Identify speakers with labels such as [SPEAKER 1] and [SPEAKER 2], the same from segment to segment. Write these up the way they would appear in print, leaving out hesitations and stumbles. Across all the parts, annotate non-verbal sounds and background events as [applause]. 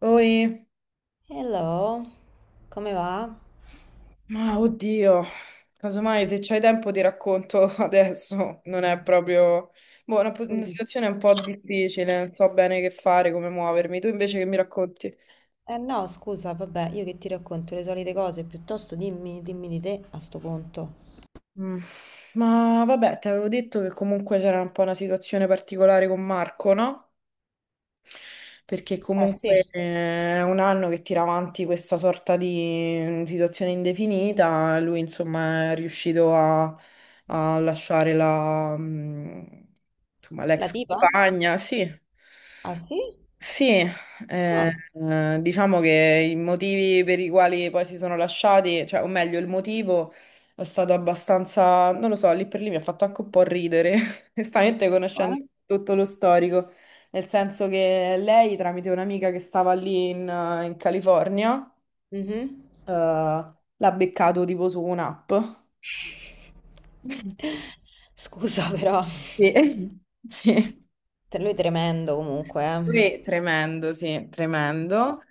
[SPEAKER 1] Oi,
[SPEAKER 2] Hello, come va?
[SPEAKER 1] ma oddio, casomai se c'hai tempo ti racconto [laughs] adesso, non è proprio... Boh, una
[SPEAKER 2] Mm.
[SPEAKER 1] situazione un po' difficile, non so bene che fare, come muovermi. Tu invece che mi racconti?
[SPEAKER 2] Eh no, scusa, vabbè, io che ti racconto le solite cose, piuttosto dimmi, dimmi di te a sto punto.
[SPEAKER 1] Mm, Ma vabbè, ti avevo detto che comunque c'era un po' una situazione particolare con Marco, no? Perché
[SPEAKER 2] Eh sì,
[SPEAKER 1] comunque è un anno che tira avanti questa sorta di situazione indefinita, lui insomma è riuscito a lasciare insomma,
[SPEAKER 2] la
[SPEAKER 1] l'ex
[SPEAKER 2] tipa?
[SPEAKER 1] compagna, sì.
[SPEAKER 2] Ah sì?
[SPEAKER 1] Sì,
[SPEAKER 2] Ah,
[SPEAKER 1] diciamo che i motivi per i quali poi si sono lasciati, cioè, o meglio, il motivo è stato abbastanza, non lo so, lì per lì mi ha fatto anche un po' ridere, [laughs] onestamente,
[SPEAKER 2] eh?
[SPEAKER 1] conoscendo tutto lo storico, nel senso che lei, tramite un'amica che stava lì in California,
[SPEAKER 2] Mhm.
[SPEAKER 1] l'ha beccato tipo su un'app. [laughs] Sì.
[SPEAKER 2] Scusa però, [laughs]
[SPEAKER 1] [laughs] Sì.
[SPEAKER 2] lui è tremendo comunque, eh.
[SPEAKER 1] Tremendo, sì,
[SPEAKER 2] Vabbè.
[SPEAKER 1] tremendo.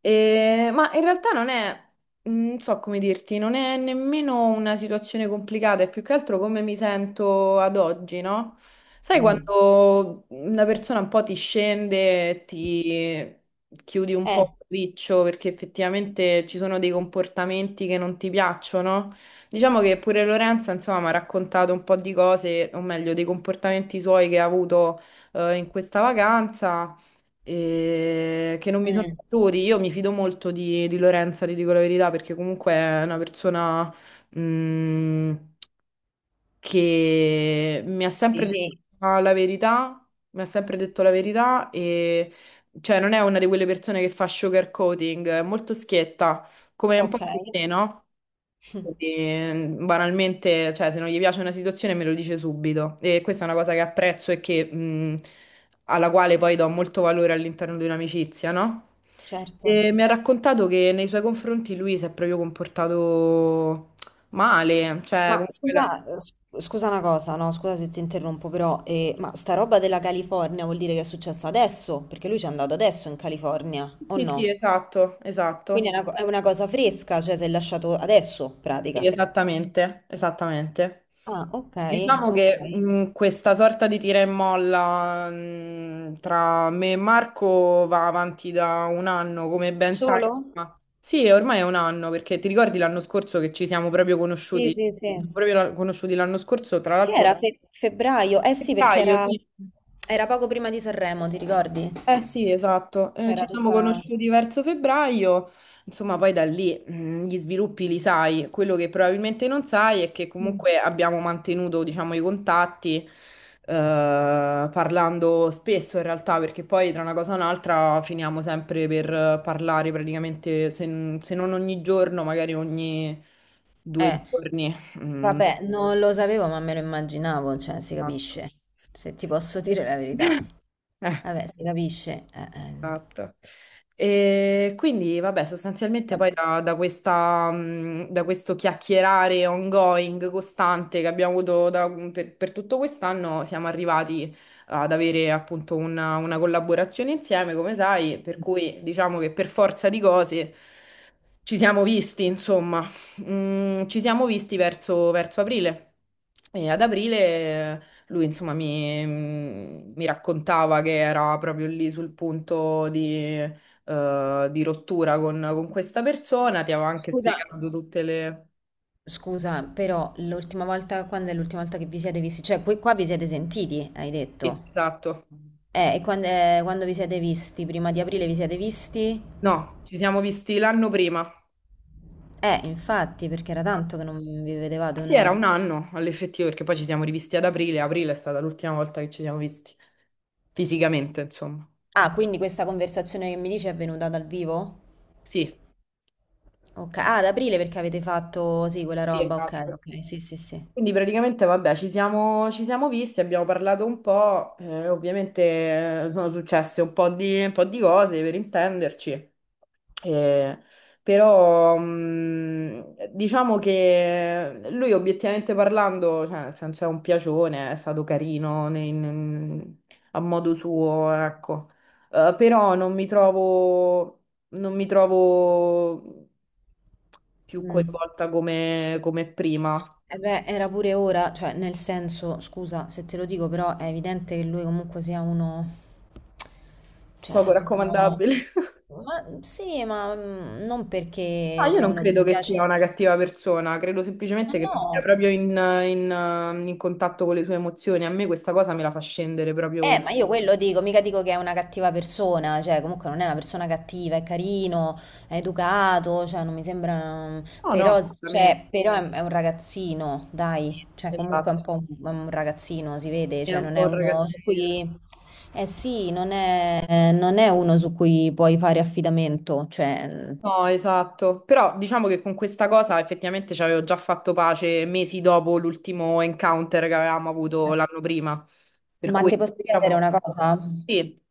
[SPEAKER 1] Ma in realtà non è, non so come dirti, non è nemmeno una situazione complicata, è più che altro come mi sento ad oggi, no? Sai,
[SPEAKER 2] Mm.
[SPEAKER 1] quando una persona un po' ti scende, ti chiudi un
[SPEAKER 2] Eh,
[SPEAKER 1] po' il riccio perché effettivamente ci sono dei comportamenti che non ti piacciono? Diciamo che pure Lorenza, insomma, mi ha raccontato un po' di cose, o meglio, dei comportamenti suoi che ha avuto in questa vacanza e che non mi sono
[SPEAKER 2] mm,
[SPEAKER 1] piaciuti. Io mi fido molto di Lorenza, ti dico la verità, perché comunque è una persona mh, che mi ha sempre detto
[SPEAKER 2] dici,
[SPEAKER 1] la verità, mi ha sempre detto la verità, e cioè non è una di quelle persone che fa sugarcoating, è molto schietta, come un po'
[SPEAKER 2] ok,
[SPEAKER 1] di te, no?
[SPEAKER 2] [laughs]
[SPEAKER 1] Quindi, banalmente, cioè, se non gli piace una situazione me lo dice subito. E questa è una cosa che apprezzo e che, alla quale poi do molto valore all'interno di un'amicizia, no?
[SPEAKER 2] certo.
[SPEAKER 1] E mi ha raccontato che nei suoi confronti lui si è proprio comportato male, cioè,
[SPEAKER 2] Ma
[SPEAKER 1] comunque
[SPEAKER 2] scusa, scusa una cosa, no, scusa se ti interrompo, però, ma sta roba della California vuol dire che è successa adesso? Perché lui ci è andato adesso in California, o
[SPEAKER 1] Sì, sì,
[SPEAKER 2] no?
[SPEAKER 1] esatto,
[SPEAKER 2] Quindi è
[SPEAKER 1] esatto.
[SPEAKER 2] una, è una cosa fresca, cioè si è lasciato adesso,
[SPEAKER 1] Sì,
[SPEAKER 2] pratica.
[SPEAKER 1] esattamente, esattamente.
[SPEAKER 2] Ah, ok,
[SPEAKER 1] Diciamo
[SPEAKER 2] ok.
[SPEAKER 1] che questa sorta di tira e molla tra me e Marco va avanti da 1 anno, come ben sai.
[SPEAKER 2] Solo?
[SPEAKER 1] Ma... sì, ormai è 1 anno, perché ti ricordi l'anno scorso, che ci siamo proprio
[SPEAKER 2] Sì,
[SPEAKER 1] conosciuti? Ci
[SPEAKER 2] sì, sì.
[SPEAKER 1] siamo proprio conosciuti l'anno scorso, tra
[SPEAKER 2] Che
[SPEAKER 1] l'altro, a
[SPEAKER 2] era febbraio?
[SPEAKER 1] febbraio, sì.
[SPEAKER 2] Era poco prima di Sanremo, ti ricordi?
[SPEAKER 1] Eh sì,
[SPEAKER 2] Che
[SPEAKER 1] esatto.
[SPEAKER 2] C'era
[SPEAKER 1] Ci siamo
[SPEAKER 2] tutta la...
[SPEAKER 1] conosciuti verso febbraio, insomma, poi da lì gli sviluppi li sai. Quello che probabilmente non sai è che
[SPEAKER 2] Mm.
[SPEAKER 1] comunque abbiamo mantenuto, diciamo, i contatti, parlando spesso in realtà, perché poi tra una cosa e un'altra finiamo sempre per parlare praticamente, se, se non ogni giorno, magari ogni due
[SPEAKER 2] Eh,
[SPEAKER 1] giorni. Mm,
[SPEAKER 2] vabbè, non lo sapevo, ma me lo immaginavo, cioè si
[SPEAKER 1] esatto.
[SPEAKER 2] capisce. Se ti posso dire la verità.
[SPEAKER 1] [laughs] Eh.
[SPEAKER 2] Vabbè, si capisce, eh.
[SPEAKER 1] Esatto. E quindi, vabbè, sostanzialmente
[SPEAKER 2] Vabbè.
[SPEAKER 1] poi da questa, da questo chiacchierare ongoing, costante che abbiamo avuto per tutto quest'anno, siamo arrivati ad avere appunto una collaborazione insieme, come sai, per cui diciamo che per forza di cose ci siamo visti, insomma. Ci siamo visti verso, aprile. E ad aprile, lui, insomma, mi raccontava che era proprio lì sul punto di rottura con questa persona. Ti avevo anche
[SPEAKER 2] Scusa,
[SPEAKER 1] spiegato tutte le...
[SPEAKER 2] scusa, però l'ultima volta, quando è l'ultima volta che vi siete visti? Cioè, qua vi siete sentiti, hai
[SPEAKER 1] Sì,
[SPEAKER 2] detto.
[SPEAKER 1] esatto.
[SPEAKER 2] E quando, quando vi siete visti? Prima di aprile vi siete visti?
[SPEAKER 1] No, ci siamo visti l'anno prima.
[SPEAKER 2] Infatti, perché era
[SPEAKER 1] Ah,
[SPEAKER 2] tanto che non vi vedevate o
[SPEAKER 1] sì, era un
[SPEAKER 2] no?
[SPEAKER 1] anno all'effettivo, perché poi ci siamo rivisti ad aprile. Aprile è stata l'ultima volta che ci siamo visti fisicamente, insomma.
[SPEAKER 2] Ah, quindi questa conversazione che mi dici è venuta dal vivo?
[SPEAKER 1] Sì.
[SPEAKER 2] Ok, ah, ad aprile perché avete fatto, sì, quella
[SPEAKER 1] Sì,
[SPEAKER 2] roba, ok,
[SPEAKER 1] esatto.
[SPEAKER 2] ok, sì, sì, sì.
[SPEAKER 1] Quindi praticamente, vabbè, ci siamo visti, abbiamo parlato un po', ovviamente sono successe un po' di, cose per intenderci, eh, però diciamo che lui, obiettivamente parlando, cioè, nel senso, è un piacione, è stato carino a modo suo, ecco. Però non mi trovo più
[SPEAKER 2] Mm.
[SPEAKER 1] coinvolta come prima,
[SPEAKER 2] E beh, era pure ora, cioè, nel senso, scusa se te lo dico, però è evidente che lui comunque sia uno, cioè,
[SPEAKER 1] poco
[SPEAKER 2] un po'...
[SPEAKER 1] raccomandabile.
[SPEAKER 2] Ma sì, ma non
[SPEAKER 1] No,
[SPEAKER 2] perché
[SPEAKER 1] io
[SPEAKER 2] sia
[SPEAKER 1] non
[SPEAKER 2] uno che
[SPEAKER 1] credo
[SPEAKER 2] mi
[SPEAKER 1] che sia
[SPEAKER 2] piace,
[SPEAKER 1] una cattiva persona, credo
[SPEAKER 2] ma
[SPEAKER 1] semplicemente che
[SPEAKER 2] no.
[SPEAKER 1] non sia proprio in contatto con le sue emozioni. A me questa cosa me la fa scendere proprio in...
[SPEAKER 2] Ma io quello dico, mica dico che è una cattiva persona, cioè comunque non è una persona cattiva, è carino, è educato, cioè non mi sembra...
[SPEAKER 1] No, no,
[SPEAKER 2] Però,
[SPEAKER 1] assolutamente.
[SPEAKER 2] cioè, però è un ragazzino, dai, cioè comunque è un
[SPEAKER 1] Esatto.
[SPEAKER 2] po' è un ragazzino, si vede,
[SPEAKER 1] È
[SPEAKER 2] cioè
[SPEAKER 1] un
[SPEAKER 2] non
[SPEAKER 1] po'
[SPEAKER 2] è
[SPEAKER 1] un
[SPEAKER 2] uno su
[SPEAKER 1] ragazzino.
[SPEAKER 2] cui... Eh sì, non è uno su cui puoi fare affidamento, cioè...
[SPEAKER 1] No, esatto. Però diciamo che con questa cosa effettivamente ci avevo già fatto pace mesi dopo l'ultimo encounter che avevamo avuto l'anno prima. Per
[SPEAKER 2] Ma ti
[SPEAKER 1] cui,
[SPEAKER 2] posso chiedere
[SPEAKER 1] diciamo,
[SPEAKER 2] una cosa?
[SPEAKER 1] sì.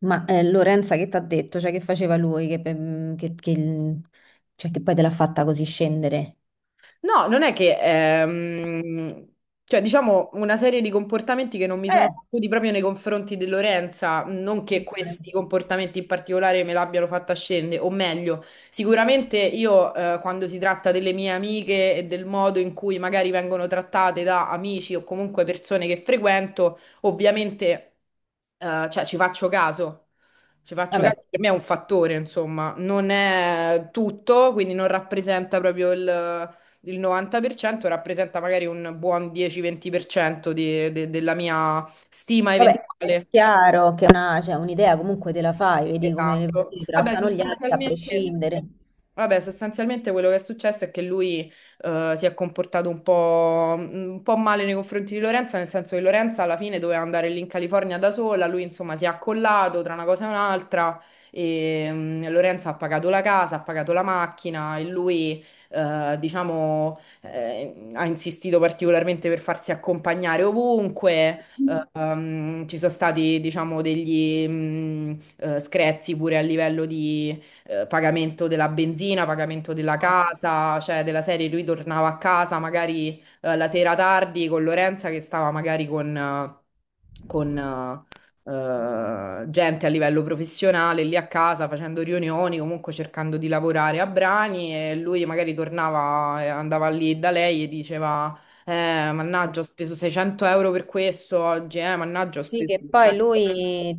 [SPEAKER 2] Ma Lorenza che ti ha detto, cioè che faceva lui, che, mm, che il- cioè, che poi te l'ha fatta così scendere?
[SPEAKER 1] No, non è che, cioè, diciamo una serie di comportamenti che non mi sono
[SPEAKER 2] Eh,
[SPEAKER 1] piaciuti proprio nei confronti di Lorenza, non che
[SPEAKER 2] ok,
[SPEAKER 1] questi comportamenti in particolare me l'abbiano fatta scendere, o meglio, sicuramente io, quando si tratta delle mie amiche e del modo in cui magari vengono trattate da amici o comunque persone che frequento, ovviamente cioè, ci faccio caso. Ci faccio
[SPEAKER 2] vabbè,
[SPEAKER 1] caso, per me è un fattore, insomma, non è tutto, quindi non rappresenta proprio il 90%, rappresenta magari un buon 10-20% della mia stima
[SPEAKER 2] vabbè, è
[SPEAKER 1] eventuale.
[SPEAKER 2] chiaro cioè, un'idea comunque te la fai, vedi come le
[SPEAKER 1] Esatto.
[SPEAKER 2] persone
[SPEAKER 1] Vabbè,
[SPEAKER 2] trattano gli altri a
[SPEAKER 1] sostanzialmente.
[SPEAKER 2] prescindere.
[SPEAKER 1] Vabbè, sostanzialmente, quello che è successo è che lui si è comportato un po', un po' male nei confronti di Lorenza, nel senso che Lorenza alla fine doveva andare lì in California da sola, lui insomma si è accollato tra una cosa e un'altra e Lorenza ha pagato la casa, ha pagato la macchina, e lui diciamo ha insistito particolarmente per farsi accompagnare ovunque. Ci sono stati, diciamo, degli screzi pure a livello di pagamento della benzina, pagamento della
[SPEAKER 2] No.
[SPEAKER 1] casa, cioè della serie lui tornava a casa magari la sera tardi, con Lorenza che stava magari con gente a livello professionale lì a casa facendo riunioni, comunque cercando di lavorare a brani, e lui magari tornava, andava lì da lei e diceva mannaggia, ho speso 600 euro per questo oggi, mannaggia, ho
[SPEAKER 2] Sì,
[SPEAKER 1] speso
[SPEAKER 2] che poi
[SPEAKER 1] 100 euro.
[SPEAKER 2] lui,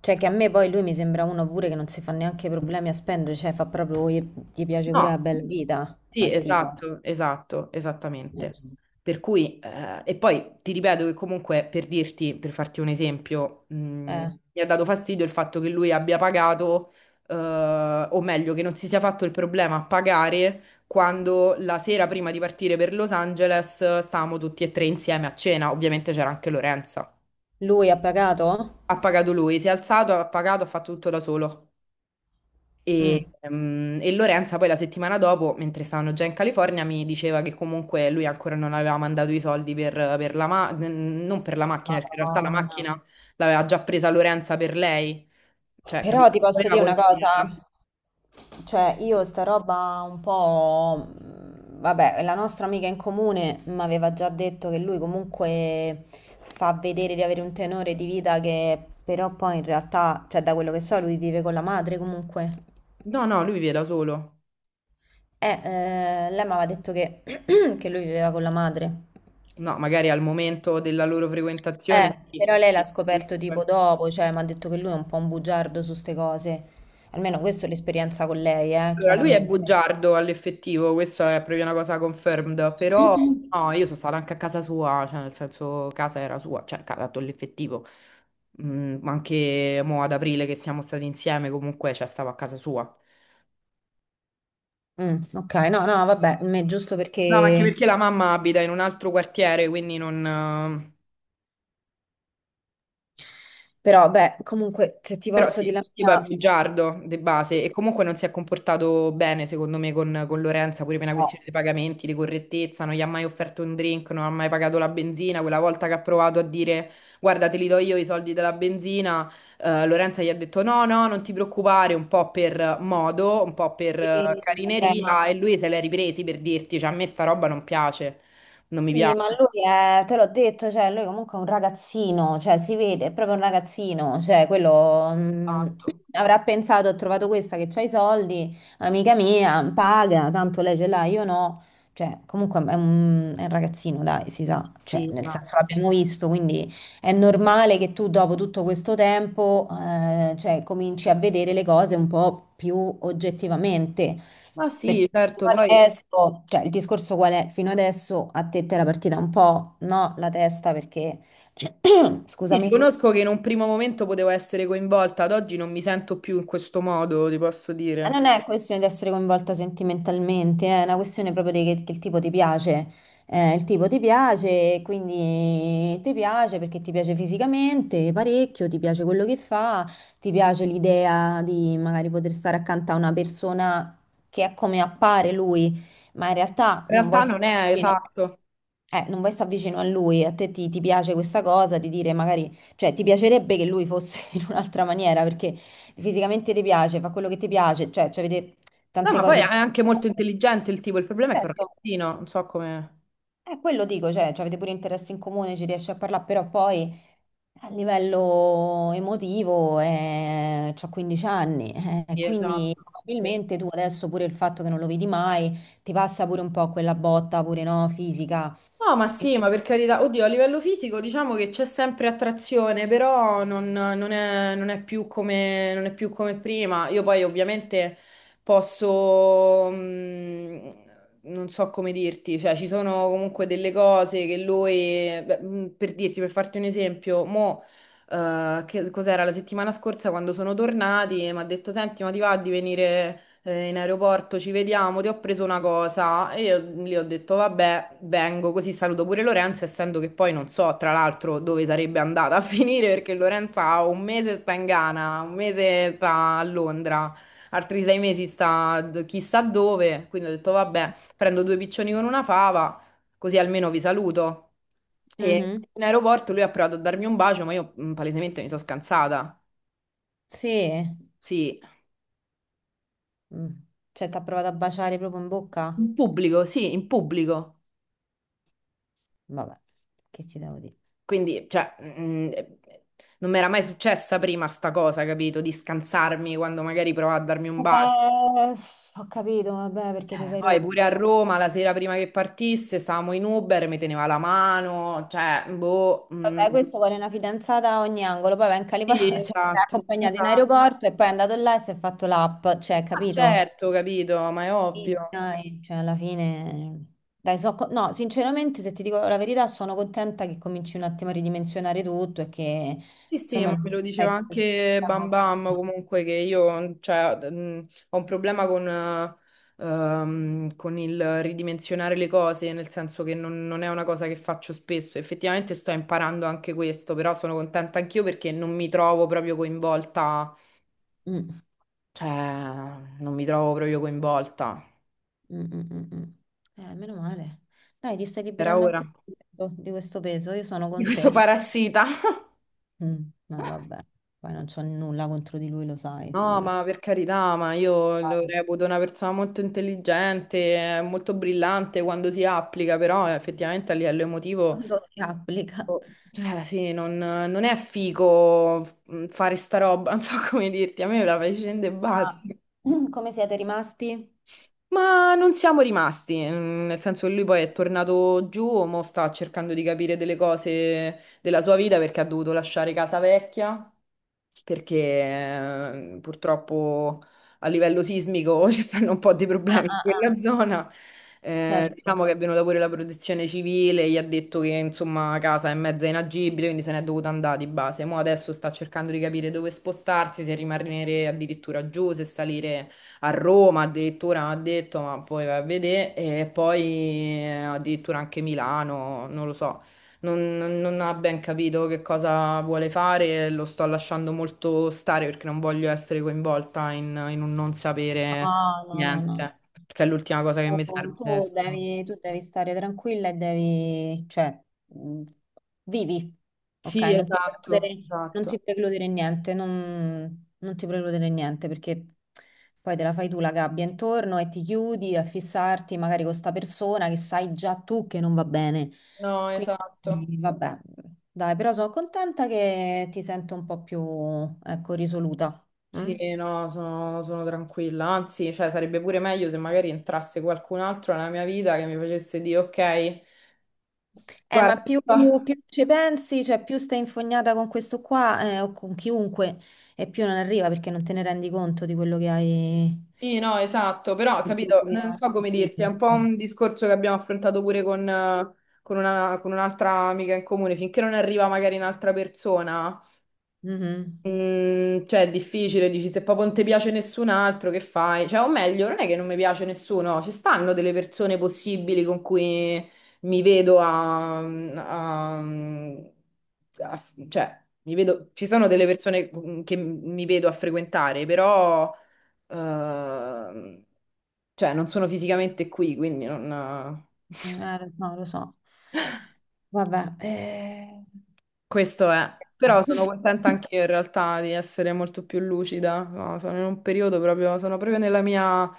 [SPEAKER 2] cioè che a me poi lui mi sembra uno pure che non si fa neanche problemi a spendere, cioè fa proprio, gli piace pure
[SPEAKER 1] No.
[SPEAKER 2] la bella vita
[SPEAKER 1] Sì,
[SPEAKER 2] al tipo.
[SPEAKER 1] esatto, esatto, esattamente. Per cui, e poi ti ripeto che comunque, per dirti, per farti un esempio,
[SPEAKER 2] Eh,
[SPEAKER 1] mi ha dato fastidio il fatto che lui abbia pagato, eh, o meglio, che non si sia fatto il problema a pagare quando, la sera prima di partire per Los Angeles, stavamo tutti e tre insieme a cena. Ovviamente c'era anche Lorenza.
[SPEAKER 2] lui ha pagato?
[SPEAKER 1] Ha pagato lui, si è alzato, ha pagato, ha fatto tutto da solo.
[SPEAKER 2] Mm.
[SPEAKER 1] E Lorenza poi la settimana dopo, mentre stavano già in California, mi diceva che comunque lui ancora non aveva mandato i soldi per la non per la macchina, perché in realtà la
[SPEAKER 2] Madonna.
[SPEAKER 1] macchina l'aveva già presa Lorenza per lei, cioè,
[SPEAKER 2] Però
[SPEAKER 1] capito?
[SPEAKER 2] ti posso
[SPEAKER 1] Voleva
[SPEAKER 2] dire una cosa.
[SPEAKER 1] condividerla.
[SPEAKER 2] Cioè, io sta roba un po'... Vabbè, la nostra amica in comune mi aveva già detto che lui comunque fa vedere di avere un tenore di vita che però poi in realtà, cioè da quello che so, lui vive con la madre comunque.
[SPEAKER 1] No, no, lui vive da solo.
[SPEAKER 2] Lei mi aveva detto che, [clears throat] che lui viveva con la madre.
[SPEAKER 1] No, magari al momento della loro frequentazione
[SPEAKER 2] Però
[SPEAKER 1] sì.
[SPEAKER 2] lei l'ha scoperto tipo dopo, cioè mi ha detto che lui è un po' un bugiardo su ste cose. Almeno questa è l'esperienza con lei,
[SPEAKER 1] Allora, lui è
[SPEAKER 2] chiaramente.
[SPEAKER 1] bugiardo all'effettivo, questo è proprio una cosa confirmed, però
[SPEAKER 2] [clears throat]
[SPEAKER 1] no, io sono stata anche a casa sua, cioè nel senso casa era sua, cioè casa dato l'effettivo. Ma anche mo ad aprile, che siamo stati insieme comunque, cioè stavo a casa sua. No,
[SPEAKER 2] Ok, no, no, vabbè, è giusto
[SPEAKER 1] ma anche
[SPEAKER 2] perché...
[SPEAKER 1] perché la mamma abita in un altro quartiere, quindi non,
[SPEAKER 2] Però, beh, comunque, se ti
[SPEAKER 1] però
[SPEAKER 2] posso
[SPEAKER 1] sì,
[SPEAKER 2] dire la
[SPEAKER 1] il tipo è
[SPEAKER 2] mia...
[SPEAKER 1] bugiardo di base e comunque non si è comportato bene secondo me con Lorenza, pure per una questione
[SPEAKER 2] No.
[SPEAKER 1] dei pagamenti, di correttezza: non gli ha mai offerto un drink, non ha mai pagato la benzina; quella volta che ha provato a dire guarda, te li do io i soldi della benzina, Lorenza gli ha detto no, no, non ti preoccupare, un po' per modo, un po' per
[SPEAKER 2] Vabbè, ma
[SPEAKER 1] carineria, e lui se l'è ripresi. Per dirti, cioè a me sta roba non piace, non mi
[SPEAKER 2] sì, ma
[SPEAKER 1] piace
[SPEAKER 2] lui è, te l'ho detto, cioè, lui comunque è un ragazzino, cioè, si vede, è proprio un ragazzino, cioè,
[SPEAKER 1] tanto.
[SPEAKER 2] [clears throat] avrà pensato, ho trovato questa che c'ha i soldi, amica mia, paga, tanto lei ce l'ha, io no, cioè, comunque è un ragazzino, dai, si sa, cioè,
[SPEAKER 1] Sì,
[SPEAKER 2] nel
[SPEAKER 1] ma...
[SPEAKER 2] senso l'abbiamo visto, quindi è normale che tu dopo tutto questo tempo, cioè, cominci a vedere le cose un po' più oggettivamente.
[SPEAKER 1] Ma
[SPEAKER 2] Perché
[SPEAKER 1] sì, certo,
[SPEAKER 2] fino
[SPEAKER 1] poi
[SPEAKER 2] adesso, cioè il discorso qual è? Fino adesso a te ti era partita un po', no, la testa perché, [clears throat] scusami.
[SPEAKER 1] riconosco che in un primo momento potevo essere coinvolta, ad oggi non mi sento più in questo modo, ti posso dire.
[SPEAKER 2] Non è questione di essere coinvolta sentimentalmente, è una questione proprio di che il tipo ti piace. Il tipo ti piace, quindi ti piace perché ti piace fisicamente parecchio, ti piace quello che fa, ti piace l'idea di magari poter stare accanto a una persona che è come appare lui, ma in realtà
[SPEAKER 1] In
[SPEAKER 2] non vuoi
[SPEAKER 1] realtà
[SPEAKER 2] stare
[SPEAKER 1] non è
[SPEAKER 2] vicino,
[SPEAKER 1] esatto.
[SPEAKER 2] non vuoi stare vicino a lui, ti piace questa cosa di dire magari, cioè ti piacerebbe che lui fosse [laughs] in un'altra maniera perché... Fisicamente ti piace, fa quello che ti piace, cioè avete
[SPEAKER 1] No,
[SPEAKER 2] tante
[SPEAKER 1] ma poi è
[SPEAKER 2] cose di...
[SPEAKER 1] anche molto intelligente il tipo, il problema è che è un
[SPEAKER 2] Certo,
[SPEAKER 1] ragazzino, non so come...
[SPEAKER 2] è quello dico, cioè avete pure interessi in comune, ci riesci a parlare, però poi a livello emotivo c'ho 15 anni,
[SPEAKER 1] Sì, esatto.
[SPEAKER 2] quindi probabilmente tu adesso pure il fatto che non lo vedi mai, ti passa pure un po' quella botta pure, no, fisica.
[SPEAKER 1] No, ma
[SPEAKER 2] E-
[SPEAKER 1] sì, ma per carità, oddio, a livello fisico diciamo che c'è sempre attrazione, però non, non è, non è più come, non è più come prima. Io poi ovviamente posso, non so come dirti, cioè ci sono comunque delle cose che lui, beh, per dirti, per farti un esempio, mo, che cos'era la settimana scorsa quando sono tornati, mi ha detto senti, ma ti va di venire in aeroporto, ci vediamo, ti ho preso una cosa, e io lì ho detto vabbè, vengo, così saluto pure Lorenza, essendo che poi non so tra l'altro dove sarebbe andata a [laughs] finire, perché Lorenza 1 mese sta in Ghana, 1 mese sta a Londra, altri 6 mesi sta chissà dove, quindi ho detto vabbè, prendo due piccioni con una fava, così almeno vi saluto. E
[SPEAKER 2] Mhm.
[SPEAKER 1] in aeroporto lui ha provato a darmi un bacio, ma io palesemente mi sono scansata.
[SPEAKER 2] Sì.
[SPEAKER 1] Sì,
[SPEAKER 2] Mm. Cioè ti ha provato a baciare proprio in bocca?
[SPEAKER 1] in pubblico, sì, in pubblico.
[SPEAKER 2] Vabbè, che ti devo dire?
[SPEAKER 1] Quindi, cioè, non mi era mai successa prima sta cosa, capito? Di scansarmi quando magari provava a darmi un bacio.
[SPEAKER 2] Vabbè, ho capito, vabbè, perché ti sei
[SPEAKER 1] Poi pure
[SPEAKER 2] rotta.
[SPEAKER 1] a Roma, la sera prima che partisse, stavamo in Uber, mi teneva la mano, cioè, boh,
[SPEAKER 2] Vabbè, questo vuole una fidanzata a ogni angolo, poi va in Calipollo,
[SPEAKER 1] sì,
[SPEAKER 2] [laughs] cioè, l'ha
[SPEAKER 1] esatto,
[SPEAKER 2] accompagnata in
[SPEAKER 1] esatto.
[SPEAKER 2] aeroporto e poi è andato là e si è fatto l'app, cioè,
[SPEAKER 1] Ah,
[SPEAKER 2] capito?
[SPEAKER 1] certo, capito, ma è
[SPEAKER 2] Sì,
[SPEAKER 1] ovvio.
[SPEAKER 2] dai, cioè, alla fine... Dai, no, sinceramente, se ti dico la verità, sono contenta che cominci un attimo a ridimensionare tutto e che,
[SPEAKER 1] Sì, sì,
[SPEAKER 2] insomma,
[SPEAKER 1] ma me
[SPEAKER 2] non
[SPEAKER 1] lo diceva
[SPEAKER 2] stai più...
[SPEAKER 1] anche Bam
[SPEAKER 2] pensando
[SPEAKER 1] Bam,
[SPEAKER 2] prima.
[SPEAKER 1] comunque, che io cioè, ho un problema con il ridimensionare le cose, nel senso che non è una cosa che faccio spesso. Effettivamente sto imparando anche questo, però sono contenta anch'io perché non mi trovo proprio coinvolta,
[SPEAKER 2] Mm,
[SPEAKER 1] cioè non mi trovo proprio coinvolta,
[SPEAKER 2] mm, mm, mm, mm. Meno male. Dai, ti stai
[SPEAKER 1] per
[SPEAKER 2] liberando
[SPEAKER 1] ora,
[SPEAKER 2] anche tu di questo peso, io sono
[SPEAKER 1] di
[SPEAKER 2] con
[SPEAKER 1] questo
[SPEAKER 2] te.
[SPEAKER 1] parassita.
[SPEAKER 2] Mm, no, vabbè, poi non c'ho nulla contro di lui, lo sai,
[SPEAKER 1] No,
[SPEAKER 2] figurati.
[SPEAKER 1] ma per carità, ma io
[SPEAKER 2] Ah,
[SPEAKER 1] lo reputo una persona molto intelligente, molto brillante quando si applica, però effettivamente a livello emotivo,
[SPEAKER 2] quando si applica.
[SPEAKER 1] cioè sì, non è figo fare sta roba, [laughs] non so come dirti, a me me la fai scendere e basta.
[SPEAKER 2] Ah, come siete rimasti?
[SPEAKER 1] Ma non siamo rimasti, nel senso che lui poi è tornato giù, mo sta cercando di capire delle cose della sua vita perché ha dovuto lasciare casa vecchia, perché purtroppo a livello sismico [laughs] ci stanno un po' di
[SPEAKER 2] Ah,
[SPEAKER 1] problemi in
[SPEAKER 2] ah, ah.
[SPEAKER 1] quella zona.
[SPEAKER 2] Certo.
[SPEAKER 1] Diciamo che è venuta pure la protezione civile, gli ha detto che insomma casa è mezza inagibile, quindi se n'è dovuta andare di base. Mo adesso sta cercando di capire dove spostarsi: se rimanere addirittura giù, se salire a Roma, addirittura ha detto, ma poi va a vedere, e poi addirittura anche Milano, non lo so, non, non ha ben capito che cosa vuole fare, e lo sto lasciando molto stare, perché non voglio essere coinvolta in un non sapere
[SPEAKER 2] Ah, no, no, no.
[SPEAKER 1] niente, perché è l'ultima cosa che mi serve adesso.
[SPEAKER 2] Tu devi stare tranquilla e devi, cioè, mh, vivi, ok?
[SPEAKER 1] Sì,
[SPEAKER 2] Non ti
[SPEAKER 1] esatto,
[SPEAKER 2] precludere, non
[SPEAKER 1] esatto.
[SPEAKER 2] ti precludere niente, non ti precludere niente perché poi te la fai tu la gabbia intorno e ti chiudi a fissarti magari con sta persona che sai già tu che non va bene.
[SPEAKER 1] No, esatto.
[SPEAKER 2] E vabbè, dai, però sono contenta che ti sento un po' più, ecco, risoluta. Mm?
[SPEAKER 1] Sì, no, sono, sono tranquilla. Anzi, cioè, sarebbe pure meglio se magari entrasse qualcun altro nella mia vita, che mi facesse dire ok,
[SPEAKER 2] Ma più,
[SPEAKER 1] guarda,
[SPEAKER 2] più ci pensi, cioè più stai infognata con questo qua, o con chiunque, e più non arriva perché non te ne rendi conto di quello che hai.
[SPEAKER 1] sì, no, esatto, però
[SPEAKER 2] Di quello
[SPEAKER 1] capito,
[SPEAKER 2] che
[SPEAKER 1] non so come
[SPEAKER 2] hai
[SPEAKER 1] dirti, è un po' un
[SPEAKER 2] fatto.
[SPEAKER 1] discorso che abbiamo affrontato pure con un'altra amica in comune, finché non arriva magari un'altra persona,
[SPEAKER 2] Mhm.
[SPEAKER 1] cioè è difficile, dici, se proprio non ti piace nessun altro, che fai? Cioè, o meglio, non è che non mi piace nessuno, ci stanno delle persone possibili con cui mi vedo a- a- cioè, mi vedo, ci sono delle persone che mi vedo a frequentare, però... Ehm, cioè, non sono fisicamente qui, quindi non...
[SPEAKER 2] No, lo so. Vabbè, eh.
[SPEAKER 1] questo è. Però sono contenta
[SPEAKER 2] [laughs]
[SPEAKER 1] anche io in realtà di essere molto più lucida. No, sono in un periodo proprio, sono proprio nella mia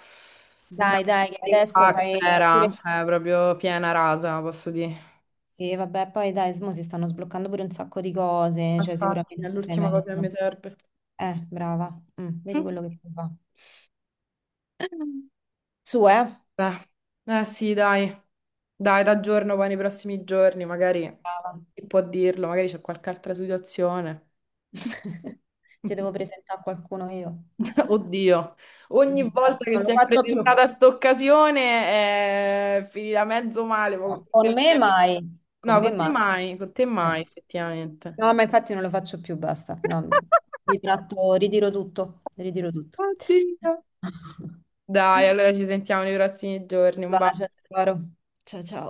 [SPEAKER 2] Dai, che
[SPEAKER 1] nothing
[SPEAKER 2] adesso
[SPEAKER 1] fax
[SPEAKER 2] fai
[SPEAKER 1] era,
[SPEAKER 2] pure...
[SPEAKER 1] cioè proprio piena rasa, posso dire.
[SPEAKER 2] Sì, vabbè, poi dai, mo si stanno sbloccando pure un sacco di cose, cioè
[SPEAKER 1] Infatti, è
[SPEAKER 2] sicuramente stai
[SPEAKER 1] l'ultima cosa che mi
[SPEAKER 2] meglio.
[SPEAKER 1] serve.
[SPEAKER 2] Brava. Mm, vedi
[SPEAKER 1] Mm.
[SPEAKER 2] quello che fa. Su, eh.
[SPEAKER 1] Beh, eh sì, dai. Dai, t'aggiorno poi nei prossimi giorni, magari chi può dirlo, magari c'è qualche altra situazione.
[SPEAKER 2] [laughs] Ti devo
[SPEAKER 1] [laughs]
[SPEAKER 2] presentare a qualcuno io.
[SPEAKER 1] [laughs] Oddio, ogni
[SPEAKER 2] No,
[SPEAKER 1] volta che
[SPEAKER 2] non lo
[SPEAKER 1] si è
[SPEAKER 2] faccio più.
[SPEAKER 1] presentata sta occasione è finita mezzo male. Ma con tutte
[SPEAKER 2] Con
[SPEAKER 1] le
[SPEAKER 2] me
[SPEAKER 1] mie...
[SPEAKER 2] mai, con
[SPEAKER 1] No,
[SPEAKER 2] me mai.
[SPEAKER 1] con te
[SPEAKER 2] Eh.
[SPEAKER 1] mai, effettivamente.
[SPEAKER 2] No, ma infatti non lo faccio più, basta. No, ritratto, ritiro tutto, ritiro tutto.
[SPEAKER 1] Oddio.
[SPEAKER 2] [laughs]
[SPEAKER 1] Dai, allora ci sentiamo nei prossimi giorni.
[SPEAKER 2] Un
[SPEAKER 1] Un bacio.
[SPEAKER 2] bacio, tesoro. Ciao ciao.